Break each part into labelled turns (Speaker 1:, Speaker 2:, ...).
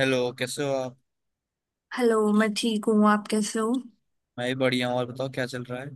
Speaker 1: Hello, कैसे हो आप।
Speaker 2: हेलो। मैं ठीक हूँ। आप कैसे हो?
Speaker 1: मैं ही बढ़िया हूँ। और बताओ क्या चल रहा है।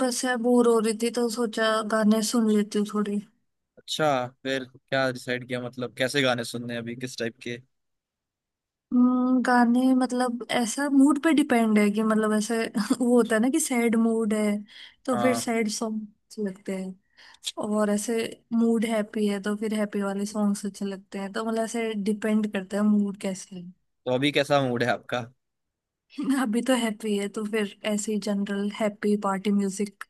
Speaker 2: बस यार बोर हो रही थी तो सोचा गाने सुन लेती हूँ थोड़े।
Speaker 1: अच्छा, फिर क्या डिसाइड किया, मतलब कैसे गाने सुनने हैं अभी किस टाइप के।
Speaker 2: गाने मतलब ऐसा मूड पे डिपेंड है कि मतलब ऐसे वो होता है ना कि सैड मूड है तो फिर
Speaker 1: हाँ।
Speaker 2: सैड सॉन्ग्स लगते हैं। और ऐसे मूड हैप्पी है तो फिर हैप्पी वाले सॉन्ग्स अच्छे लगते हैं, तो मतलब ऐसे डिपेंड करता है मूड कैसे
Speaker 1: तो अभी कैसा मूड है आपका।
Speaker 2: है। अभी तो हैप्पी है तो फिर ऐसे ही जनरल हैप्पी पार्टी म्यूजिक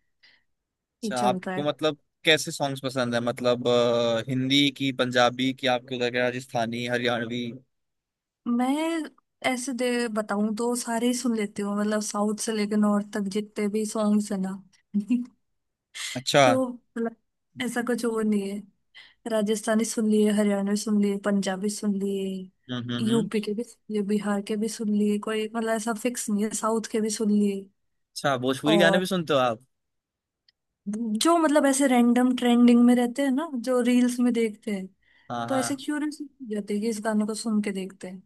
Speaker 2: ही
Speaker 1: अच्छा,
Speaker 2: चल रहा
Speaker 1: आपको
Speaker 2: है।
Speaker 1: मतलब कैसे सॉन्ग्स पसंद है, मतलब हिंदी की, पंजाबी की, आपको लग रहा है, राजस्थानी, हरियाणवी।
Speaker 2: मैं ऐसे दे बताऊं तो सारे ही सुन लेती हूँ, मतलब साउथ से लेकर नॉर्थ तक जितने भी सॉन्ग्स है ना।
Speaker 1: अच्छा।
Speaker 2: तो मतलब ऐसा कुछ वो नहीं है। राजस्थानी सुन लिए, हरियाणवी सुन लिए, पंजाबी सुन लिए,
Speaker 1: हम्म, हम्म, हम्म।
Speaker 2: यूपी के भी सुन लिए, बिहार के भी सुन लिए, कोई मतलब ऐसा फिक्स नहीं है, साउथ के भी सुन लिए।
Speaker 1: अच्छा, भोजपुरी गाने
Speaker 2: और
Speaker 1: भी सुनते हो आप।
Speaker 2: जो मतलब ऐसे रैंडम ट्रेंडिंग में रहते हैं ना, जो रील्स में देखते हैं,
Speaker 1: हाँ,
Speaker 2: तो ऐसे
Speaker 1: हाँ।
Speaker 2: क्यूरियस हो जाते हैं कि इस गाने को सुन के देखते हैं।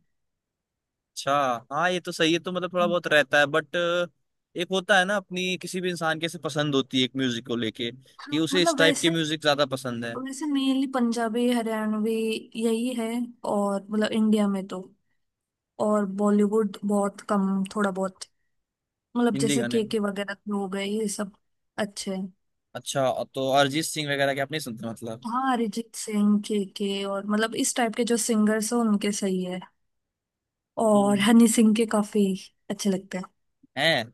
Speaker 1: अच्छा। हाँ, ये तो सही है। तो मतलब थोड़ा बहुत रहता है, बट एक होता है ना, अपनी किसी भी इंसान के से पसंद होती है एक म्यूजिक को लेके, कि
Speaker 2: हाँ,
Speaker 1: उसे इस
Speaker 2: मतलब
Speaker 1: टाइप के
Speaker 2: वैसे
Speaker 1: म्यूजिक ज्यादा पसंद है।
Speaker 2: वैसे मेनली पंजाबी हरियाणवी यही है। और मतलब इंडिया में तो, और बॉलीवुड बहुत कम, थोड़ा बहुत, मतलब
Speaker 1: हिंदी
Speaker 2: जैसे
Speaker 1: गाने में।
Speaker 2: के वगैरह के हो गए ये सब अच्छे हैं।
Speaker 1: अच्छा, तो अरिजीत सिंह वगैरह के आप नहीं सुनते मतलब।
Speaker 2: हाँ, अरिजीत सिंह, के और मतलब इस टाइप के जो सिंगर्स हैं उनके सही है। और
Speaker 1: हम्म।
Speaker 2: हनी सिंह के काफी अच्छे लगते हैं।
Speaker 1: हैं।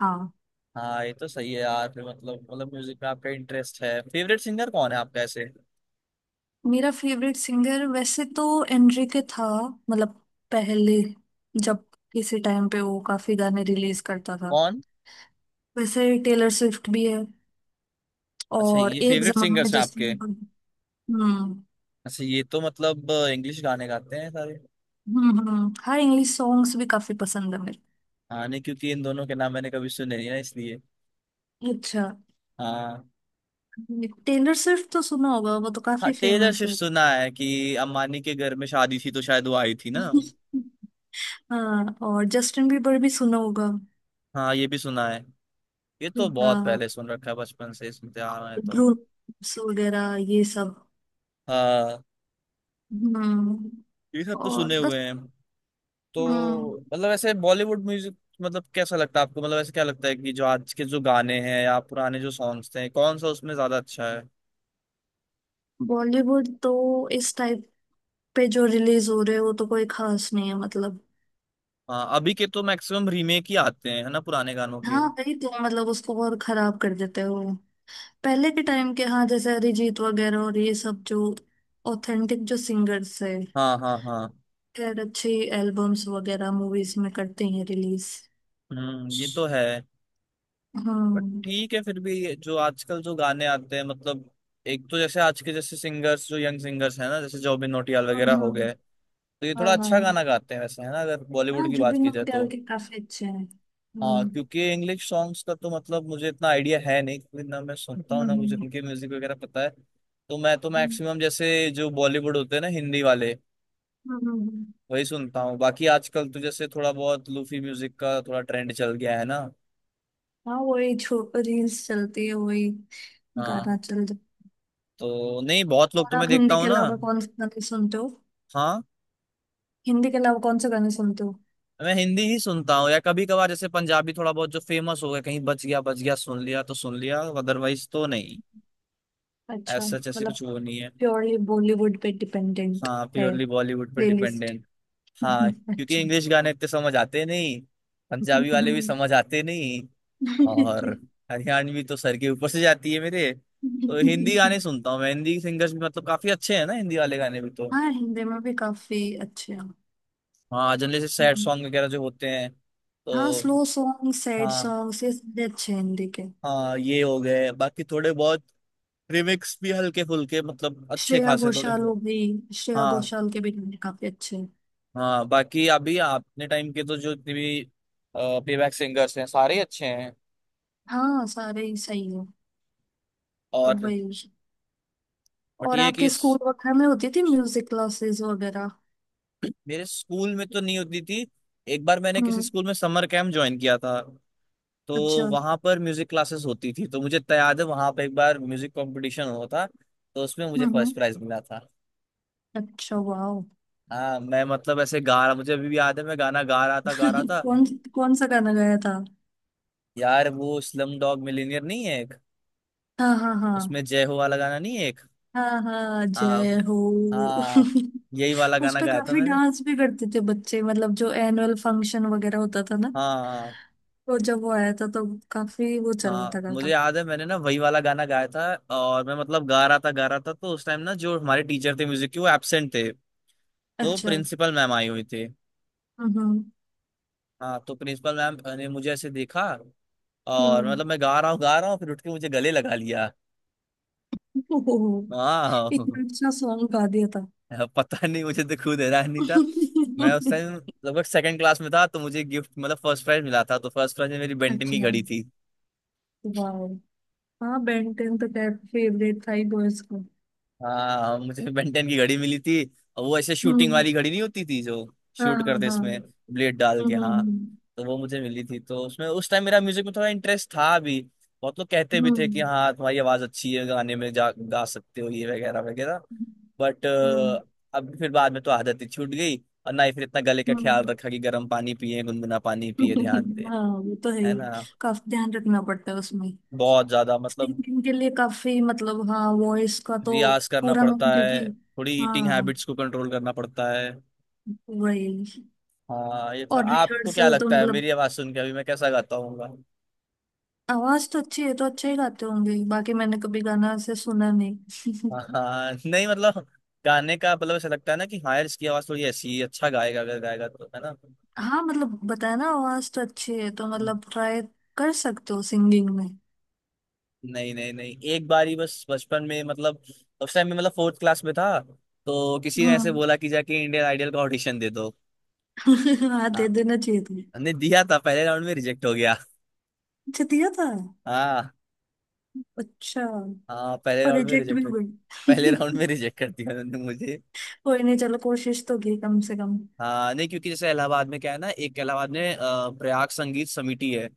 Speaker 2: हाँ।
Speaker 1: हाँ, ये तो सही है यार। फिर मतलब म्यूजिक में आपका इंटरेस्ट है, फेवरेट सिंगर कौन है आपका ऐसे।
Speaker 2: मेरा फेवरेट सिंगर वैसे तो एनरिके था, मतलब पहले, जब किसी टाइम पे वो काफी गाने रिलीज करता था।
Speaker 1: कौन।
Speaker 2: वैसे टेलर स्विफ्ट भी है।
Speaker 1: अच्छा,
Speaker 2: और
Speaker 1: ये
Speaker 2: एक
Speaker 1: फेवरेट
Speaker 2: जमाना में
Speaker 1: सिंगर्स हैं
Speaker 2: जस्टिन
Speaker 1: आपके।
Speaker 2: बीबर। हम्म,
Speaker 1: अच्छा, ये तो मतलब इंग्लिश गाने गाते हैं सारे।
Speaker 2: हम्म, हम्म। हाँ, इंग्लिश सॉन्ग्स भी काफी पसंद है मेरे।
Speaker 1: हाँ, नहीं क्योंकि इन दोनों के नाम मैंने कभी सुने नहीं ना इसलिए।
Speaker 2: अच्छा।
Speaker 1: हाँ।
Speaker 2: टेलर स्विफ्ट तो सुना होगा, वो तो
Speaker 1: हाँ,
Speaker 2: काफी
Speaker 1: टेलर
Speaker 2: फेमस
Speaker 1: स्विफ्ट
Speaker 2: है।
Speaker 1: सुना है, कि अम्बानी के घर में शादी थी तो शायद वो आई थी ना।
Speaker 2: हाँ, और जस्टिन बीबर भी सुना होगा।
Speaker 1: हाँ, ये भी सुना है। ये तो बहुत
Speaker 2: हाँ।
Speaker 1: पहले सुन रखा है, बचपन से ही सुनते आ रहे हैं तो।
Speaker 2: ब्रूस वगैरह ये सब।
Speaker 1: हाँ।
Speaker 2: हम्म।
Speaker 1: ये सब तो
Speaker 2: और
Speaker 1: सुने
Speaker 2: बस।
Speaker 1: हुए हैं।
Speaker 2: हम्म।
Speaker 1: तो मतलब ऐसे बॉलीवुड म्यूजिक। मतलब कैसा लगता है आपको, मतलब ऐसे क्या लगता है कि जो आज के जो गाने हैं या पुराने जो सॉन्ग्स थे, कौन सा उसमें ज्यादा अच्छा है।
Speaker 2: बॉलीवुड तो इस टाइप पे जो रिलीज हो रहे हो तो कोई खास नहीं है मतलब।
Speaker 1: हाँ, अभी के तो मैक्सिमम रीमेक ही आते हैं है ना, पुराने गानों के।
Speaker 2: हाँ, वही तो मतलब उसको और खराब कर देते हो। पहले के टाइम के, हाँ, जैसे अरिजीत वगैरह और ये सब जो ऑथेंटिक जो सिंगर्स है,
Speaker 1: हाँ, हाँ, हाँ।
Speaker 2: खैर अच्छी एल्बम्स वगैरह मूवीज में करते हैं रिलीज।
Speaker 1: हम्म, ये तो है। बट
Speaker 2: हम्म,
Speaker 1: ठीक है, फिर भी जो आजकल जो गाने आते हैं मतलब। एक तो जैसे आज के जैसे सिंगर्स जो यंग सिंगर्स हैं ना, जैसे जॉबिन नौटियाल वगैरह हो
Speaker 2: हम्म।
Speaker 1: गए। तो ये थोड़ा
Speaker 2: हाँ
Speaker 1: अच्छा
Speaker 2: हाँ
Speaker 1: गाना गाते हैं वैसे, है ना, अगर
Speaker 2: हाँ।
Speaker 1: बॉलीवुड की बात
Speaker 2: जुबिन
Speaker 1: की जाए तो।
Speaker 2: नौटियाल के काफी अच्छे हैं।
Speaker 1: हाँ,
Speaker 2: हम्म,
Speaker 1: क्योंकि इंग्लिश सॉन्ग्स का तो मतलब मुझे इतना आइडिया है नहीं, क्योंकि ना मैं सुनता
Speaker 2: हम्म,
Speaker 1: हूँ ना मुझे उनके म्यूजिक वगैरह पता है। तो मैं तो
Speaker 2: हम्म,
Speaker 1: मैक्सिमम जैसे जो बॉलीवुड होते हैं ना, हिंदी वाले।
Speaker 2: हम्म, हम्म, हम्म।
Speaker 1: वही सुनता हूँ। बाकी आजकल तो जैसे थोड़ा बहुत लूफी म्यूजिक का थोड़ा ट्रेंड चल गया है ना।
Speaker 2: हाँ वही छो, रील्स चलती है, वही गाना
Speaker 1: हाँ।
Speaker 2: चल जाता।
Speaker 1: तो नहीं, बहुत लोग
Speaker 2: और
Speaker 1: तो मैं
Speaker 2: आप
Speaker 1: देखता
Speaker 2: हिंदी
Speaker 1: हूँ
Speaker 2: के
Speaker 1: ना।
Speaker 2: अलावा कौन से गाने सुनते हो?
Speaker 1: हाँ।
Speaker 2: हिंदी के अलावा कौन से गाने सुनते हो?
Speaker 1: मैं हिंदी ही सुनता हूँ, या कभी कभार जैसे पंजाबी थोड़ा बहुत जो फेमस हो गया, कहीं बच गया सुन लिया तो सुन लिया, अदरवाइज तो नहीं।
Speaker 2: अच्छा
Speaker 1: ऐसा जैसे
Speaker 2: मतलब
Speaker 1: कुछ वो नहीं है।
Speaker 2: प्योरली बॉलीवुड पे डिपेंडेंट
Speaker 1: हाँ,
Speaker 2: है
Speaker 1: प्योरली बॉलीवुड पे
Speaker 2: प्लेलिस्ट।
Speaker 1: डिपेंडेंट। हाँ, क्योंकि
Speaker 2: अच्छा।
Speaker 1: इंग्लिश गाने इतने समझ आते नहीं। पंजाबी वाले भी
Speaker 2: हम्म।
Speaker 1: समझ आते नहीं। और हरियाणवी तो सर के ऊपर से जाती है मेरे। तो हिंदी गाने सुनता हूँ मैं। हिंदी सिंगर्स भी मतलब काफी अच्छे हैं ना, हिंदी वाले गाने भी तो।
Speaker 2: हाँ, हिंदी में भी काफी अच्छे हैं।
Speaker 1: हाँ, जनरली से सैड
Speaker 2: हम्म।
Speaker 1: सॉन्ग वगैरह जो होते हैं
Speaker 2: हाँ,
Speaker 1: तो।
Speaker 2: स्लो सॉन्ग, सैड
Speaker 1: हाँ।
Speaker 2: सॉन्ग, ये सारे अच्छे हैं हिंदी के।
Speaker 1: हाँ, ये हो गए बाकी थोड़े बहुत। रिमिक्स भी हल्के फुल्के, मतलब अच्छे
Speaker 2: श्रेया
Speaker 1: खासे थोड़े।
Speaker 2: घोषाल हो गई, श्रेया
Speaker 1: हाँ।
Speaker 2: घोषाल के भी गाने काफी अच्छे हैं।
Speaker 1: हाँ, बाकी अभी अपने टाइम के तो जो जितने भी प्लेबैक सिंगर्स हैं सारे अच्छे हैं।
Speaker 2: हाँ, सारे ही सही है,
Speaker 1: और।
Speaker 2: वही।
Speaker 1: बट
Speaker 2: और
Speaker 1: ये है कि।
Speaker 2: आपके स्कूल वगैरह में होती थी म्यूजिक क्लासेस वगैरह?
Speaker 1: मेरे स्कूल में तो नहीं होती थी। एक बार मैंने किसी
Speaker 2: हम्म।
Speaker 1: स्कूल में समर कैंप ज्वाइन किया था। तो
Speaker 2: अच्छा।
Speaker 1: वहां पर म्यूजिक क्लासेस होती थी, तो मुझे तो याद है वहां पर एक बार म्यूजिक कंपटीशन हुआ था। तो उसमें मुझे
Speaker 2: हम्म,
Speaker 1: फर्स्ट प्राइज मिला था।
Speaker 2: अच्छा, वाह।
Speaker 1: हाँ, मैं मतलब ऐसे गा रहा, मुझे अभी भी याद है, मैं गाना गा रहा था, गा रहा था।
Speaker 2: कौन कौन सा गाना गाया था?
Speaker 1: यार, वो स्लम डॉग मिलियनेयर नहीं है एक।
Speaker 2: हाँ हाँ हाँ।
Speaker 1: उसमें जय हो वाला गाना नहीं है एक।
Speaker 2: हाँ, हाँ
Speaker 1: हाँ,
Speaker 2: जय हो।
Speaker 1: हाँ। यही वाला
Speaker 2: उस
Speaker 1: गाना
Speaker 2: पे
Speaker 1: गाया था
Speaker 2: काफी
Speaker 1: मैंने।
Speaker 2: डांस भी करते थे बच्चे, मतलब जो एनुअल फंक्शन वगैरह होता था ना,
Speaker 1: हाँ।
Speaker 2: तो जब वो आया था तो काफी वो चल रहा था
Speaker 1: हाँ, मुझे
Speaker 2: गाना।
Speaker 1: याद है, मैंने ना वही वाला गाना गाया था। और मैं मतलब गा रहा था, गा रहा था, तो उस टाइम ना जो हमारे टीचर थे म्यूजिक के, वो एब्सेंट थे। तो
Speaker 2: अच्छा।
Speaker 1: प्रिंसिपल मैम आई हुई थी।
Speaker 2: हम्म,
Speaker 1: हाँ, तो प्रिंसिपल मैम ने मुझे ऐसे देखा। और
Speaker 2: हम्म।
Speaker 1: मतलब मैं गा रहा हूँ, गा रहा हूँ, फिर उठ के मुझे गले लगा लिया।
Speaker 2: ओहो,
Speaker 1: हाँ।
Speaker 2: इतना अच्छा सॉन्ग गा दिया था।
Speaker 1: पता नहीं, मुझे तो खुद हैरान नहीं था। मैं उस टाइम लगभग सेकंड क्लास में था, तो मुझे गिफ्ट मतलब फर्स्ट प्राइज मिला था। तो फर्स्ट प्राइज में मेरी बेंटन की
Speaker 2: अच्छा,
Speaker 1: घड़ी थी।
Speaker 2: वाह। हाँ, बेन टेन तो खैर फेवरेट था ही बॉयज को।
Speaker 1: हाँ, मुझे बेंटेन की घड़ी मिली थी। और वो ऐसे शूटिंग
Speaker 2: हम्म।
Speaker 1: वाली घड़ी नहीं होती थी, जो
Speaker 2: हाँ
Speaker 1: शूट
Speaker 2: हाँ
Speaker 1: करते इसमें
Speaker 2: हाँ।
Speaker 1: ब्लेड डाल के,
Speaker 2: हम्म,
Speaker 1: हाँ।
Speaker 2: हम्म,
Speaker 1: तो वो मुझे मिली थी, तो उसमें उस टाइम मेरा म्यूजिक में थोड़ा इंटरेस्ट था भी। बहुत लोग कहते भी थे कि
Speaker 2: हम्म,
Speaker 1: हाँ, तुम्हारी आवाज अच्छी है, गाने में जा गा सकते हो, ये वगैरह वगैरह। बट।
Speaker 2: हम्म, हम्म,
Speaker 1: अब फिर बाद में तो आदत ही छूट गई। और ना ही फिर इतना गले का ख्याल
Speaker 2: हम्म।
Speaker 1: रखा कि गर्म पानी पिए, गुनगुना पानी पिए, ध्यान दे।
Speaker 2: हाँ वो तो है
Speaker 1: है
Speaker 2: ही,
Speaker 1: ना।
Speaker 2: काफी ध्यान रखना पड़ता है उसमें।
Speaker 1: बहुत ज्यादा मतलब।
Speaker 2: सिंगिंग के लिए काफी मतलब हाँ, वॉइस का तो
Speaker 1: रियाज करना
Speaker 2: पूरा मैं
Speaker 1: पड़ता है,
Speaker 2: क्योंकि,
Speaker 1: थोड़ी ईटिंग
Speaker 2: हाँ,
Speaker 1: हैबिट्स को कंट्रोल करना पड़ता है।
Speaker 2: वही।
Speaker 1: हाँ ये था।
Speaker 2: और
Speaker 1: आपको क्या
Speaker 2: रिहर्सल तो
Speaker 1: लगता है
Speaker 2: मतलब,
Speaker 1: मेरी आवाज सुन के अभी मैं कैसा गाता हूँ।
Speaker 2: आवाज तो अच्छी है तो अच्छा ही गाते होंगे, बाकी मैंने कभी गाना ऐसे सुना नहीं।
Speaker 1: हाँ, नहीं मतलब। गाने का मतलब ऐसा लगता है ना, कि हाँ यार इसकी आवाज थोड़ी ऐसी है, अच्छा गाएगा अगर गाएगा तो, है ना।
Speaker 2: हाँ, मतलब बताया ना, आवाज तो अच्छी है तो
Speaker 1: हम्म।
Speaker 2: मतलब ट्राई कर सकते हो सिंगिंग में।
Speaker 1: नहीं, नहीं, नहीं, एक बार ही बस बचपन में मतलब। उस टाइम में मतलब फोर्थ क्लास में था। तो किसी ने ऐसे
Speaker 2: हम्म।
Speaker 1: बोला कि जाके इंडियन आइडल का ऑडिशन दे दो।
Speaker 2: हाँ,
Speaker 1: हाँ।
Speaker 2: दे देना चाहिए तुम्हें।
Speaker 1: हमने दिया था, पहले राउंड में रिजेक्ट हो गया।
Speaker 2: अच्छा, दिया था।
Speaker 1: हाँ।
Speaker 2: अच्छा।
Speaker 1: हाँ, पहले
Speaker 2: और
Speaker 1: राउंड में
Speaker 2: रिजेक्ट भी
Speaker 1: रिजेक्ट हो।
Speaker 2: हो
Speaker 1: पहले राउंड
Speaker 2: गई?
Speaker 1: में रिजेक्ट कर दिया उन्होंने मुझे।
Speaker 2: कोई नहीं, चलो कोशिश तो की कम से कम।
Speaker 1: हाँ, नहीं क्योंकि जैसे इलाहाबाद में क्या है ना, एक इलाहाबाद में प्रयाग संगीत समिति है।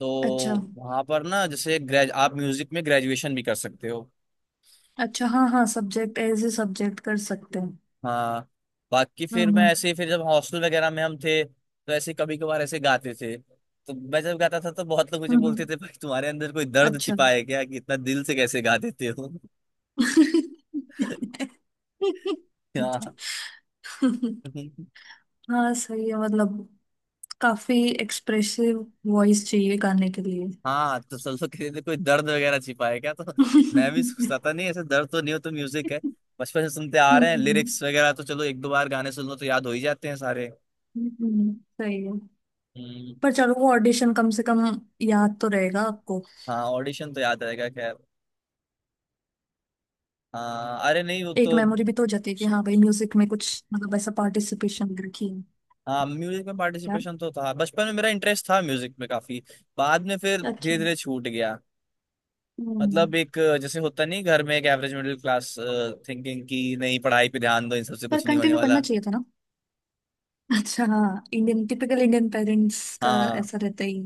Speaker 1: तो।
Speaker 2: अच्छा।
Speaker 1: वहां पर ना जैसे ग्रेज, आप म्यूजिक में ग्रेजुएशन भी कर सकते हो।
Speaker 2: अच्छा, हाँ हाँ, सब्जेक्ट एज ए सब्जेक्ट कर सकते हैं।
Speaker 1: हाँ। बाकी
Speaker 2: हम्म,
Speaker 1: फिर मैं
Speaker 2: हम्म,
Speaker 1: ऐसे ही, फिर जब हॉस्टल वगैरह में हम थे तो ऐसे कभी कभार ऐसे गाते थे, तो मैं जब गाता था तो बहुत लोग मुझे
Speaker 2: हम्म, हम्म,
Speaker 1: बोलते थे, भाई तुम्हारे अंदर कोई दर्द
Speaker 2: अच्छा।
Speaker 1: छिपा है क्या, कि इतना दिल से कैसे गा देते हो। हाँ।
Speaker 2: हाँ सही है, मतलब काफी एक्सप्रेसिव वॉइस चाहिए गाने के लिए।
Speaker 1: हाँ, तो सोचो किसी ने कोई दर्द वगैरह छिपा है क्या तो। मैं भी
Speaker 2: हम्म,
Speaker 1: सोचता था, नहीं ऐसे दर्द तो नहीं हो तो, म्यूजिक है। बचपन से सुनते आ रहे हैं, लिरिक्स वगैरह तो चलो एक दो बार गाने सुन लो तो याद हो ही जाते हैं सारे।
Speaker 2: हम्म, सही है।
Speaker 1: हम्म,
Speaker 2: पर चलो वो ऑडिशन कम से कम याद तो रहेगा आपको।
Speaker 1: हाँ, ऑडिशन तो याद रहेगा खैर। हाँ, अरे नहीं वो
Speaker 2: एक
Speaker 1: तो।
Speaker 2: मेमोरी भी तो हो जाती है कि हाँ भाई म्यूजिक में कुछ मतलब ऐसा पार्टिसिपेशन रखी है।
Speaker 1: हाँ, म्यूजिक में
Speaker 2: क्या?
Speaker 1: पार्टिसिपेशन तो था, बचपन में मेरा इंटरेस्ट था म्यूजिक में काफी। बाद में फिर
Speaker 2: अच्छा।
Speaker 1: धीरे धीरे छूट गया।
Speaker 2: हम्म,
Speaker 1: मतलब एक, जैसे होता नहीं घर में, एक एवरेज मिडिल क्लास थिंकिंग की, नहीं पढ़ाई पे ध्यान दो, इन सबसे
Speaker 2: पर
Speaker 1: कुछ नहीं होने
Speaker 2: कंटिन्यू
Speaker 1: वाला।
Speaker 2: करना चाहिए था ना। अच्छा हाँ, इंडियन, टिपिकल इंडियन पेरेंट्स का
Speaker 1: हाँ।
Speaker 2: ऐसा रहता ही।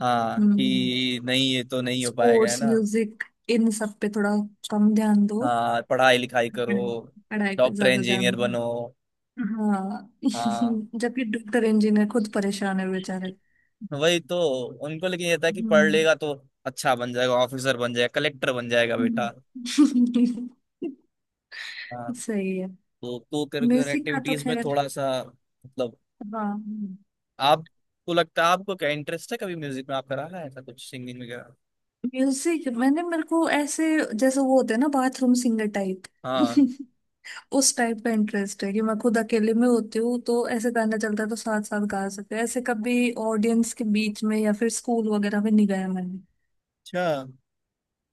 Speaker 1: हाँ,
Speaker 2: हम्म।
Speaker 1: कि नहीं ये तो नहीं हो पाएगा है
Speaker 2: स्पोर्ट्स,
Speaker 1: ना।
Speaker 2: म्यूजिक, इन सब पे थोड़ा कम ध्यान दो।
Speaker 1: हाँ, पढ़ाई लिखाई करो।
Speaker 2: पढ़- पढ़ाई पे
Speaker 1: डॉक्टर
Speaker 2: ज्यादा ध्यान
Speaker 1: इंजीनियर बनो।
Speaker 2: दो। हाँ।
Speaker 1: हाँ।
Speaker 2: जबकि डॉक्टर इंजीनियर खुद परेशान है बेचारे।
Speaker 1: वही तो। उनको लेकिन ये था कि पढ़
Speaker 2: हम्म।
Speaker 1: लेगा तो अच्छा बन जाएगा, ऑफिसर बन जाएगा, कलेक्टर बन जाएगा बेटा।
Speaker 2: हम्म।
Speaker 1: हाँ।
Speaker 2: सही है।
Speaker 1: तो को करिकुलर
Speaker 2: म्यूजिक का तो
Speaker 1: एक्टिविटीज में
Speaker 2: खैर,
Speaker 1: थोड़ा सा मतलब।
Speaker 2: हाँ।
Speaker 1: आपको लगता है, आपको क्या इंटरेस्ट है, कभी म्यूजिक में आप करा रहा है ऐसा कुछ, सिंगिंग वगैरह।
Speaker 2: म्यूजिक, मैंने मेरे को ऐसे, जैसे वो होते हैं ना, बाथरूम सिंगर टाइप।
Speaker 1: हाँ।
Speaker 2: उस टाइप का इंटरेस्ट है कि मैं खुद अकेले में होती हूँ तो ऐसे गाना चलता है तो साथ साथ गा सकते हैं। ऐसे कभी ऑडियंस के बीच में या फिर स्कूल वगैरह में नहीं गाया मैंने।
Speaker 1: अच्छा।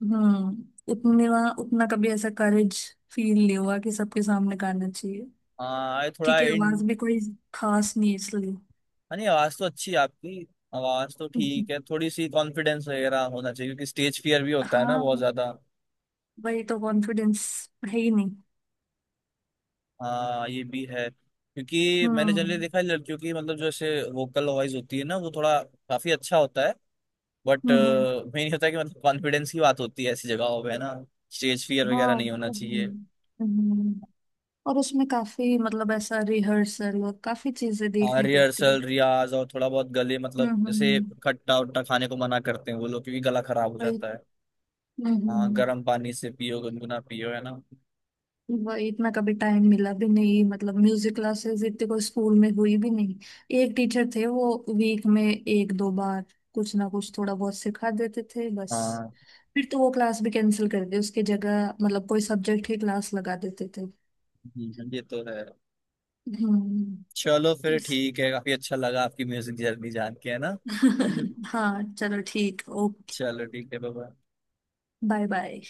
Speaker 2: उतने वहाँ उतना कभी ऐसा करेज फील नहीं हुआ कि सबके सामने गाना चाहिए,
Speaker 1: हाँ, ये थोड़ा।
Speaker 2: क्योंकि आवाज भी कोई खास नहीं है इसलिए।
Speaker 1: हाँ, नहीं आवाज तो अच्छी है आपकी। आवाज तो
Speaker 2: हम्म,
Speaker 1: ठीक है, थोड़ी सी कॉन्फिडेंस वगैरह होना चाहिए, क्योंकि स्टेज फियर भी होता है ना बहुत
Speaker 2: हाँ
Speaker 1: ज्यादा।
Speaker 2: वही तो, कॉन्फिडेंस है ही नहीं।
Speaker 1: हाँ, ये भी है, क्योंकि मैंने जनरली
Speaker 2: हम्म,
Speaker 1: देखा है, लड़कियों की मतलब जो ऐसे वोकल वॉइस होती है ना वो थोड़ा काफी अच्छा होता है। बट।
Speaker 2: हम्म।
Speaker 1: मेन होता है कि मतलब कॉन्फिडेंस की बात होती है ऐसी जगहों पे, है ना। स्टेज फियर
Speaker 2: हाँ
Speaker 1: वगैरह नहीं होना
Speaker 2: वो है।
Speaker 1: चाहिए।
Speaker 2: हम्म। और उसमें काफी मतलब ऐसा रिहर्सल और काफी चीजें
Speaker 1: हाँ,
Speaker 2: देखनी पड़ती है।
Speaker 1: रिहर्सल रियाज और थोड़ा बहुत गले मतलब
Speaker 2: हम्म,
Speaker 1: जैसे खट्टा उट्टा खाने को मना करते हैं वो लोग, क्योंकि गला खराब हो
Speaker 2: वही।
Speaker 1: जाता है।
Speaker 2: हम्म,
Speaker 1: हाँ, गर्म पानी से पियो, गुनगुना पियो, है ना।
Speaker 2: वही इतना कभी टाइम मिला भी नहीं, मतलब म्यूजिक क्लासेस इतने कोई स्कूल में हुई भी नहीं। एक टीचर थे, वो वीक में एक दो बार कुछ ना कुछ थोड़ा बहुत सिखा देते थे बस।
Speaker 1: हाँ।
Speaker 2: फिर तो वो क्लास भी कैंसिल कर दी, उसकी जगह मतलब कोई सब्जेक्ट ही क्लास लगा देते थे।
Speaker 1: ये तो है।
Speaker 2: हम्म।
Speaker 1: चलो फिर
Speaker 2: इस,
Speaker 1: ठीक है, काफी अच्छा लगा आपकी म्यूजिक जर्नी जान के, है ना। हम्म।
Speaker 2: हाँ चलो ठीक, ओके।
Speaker 1: चलो ठीक है बाबा।
Speaker 2: Bye bye.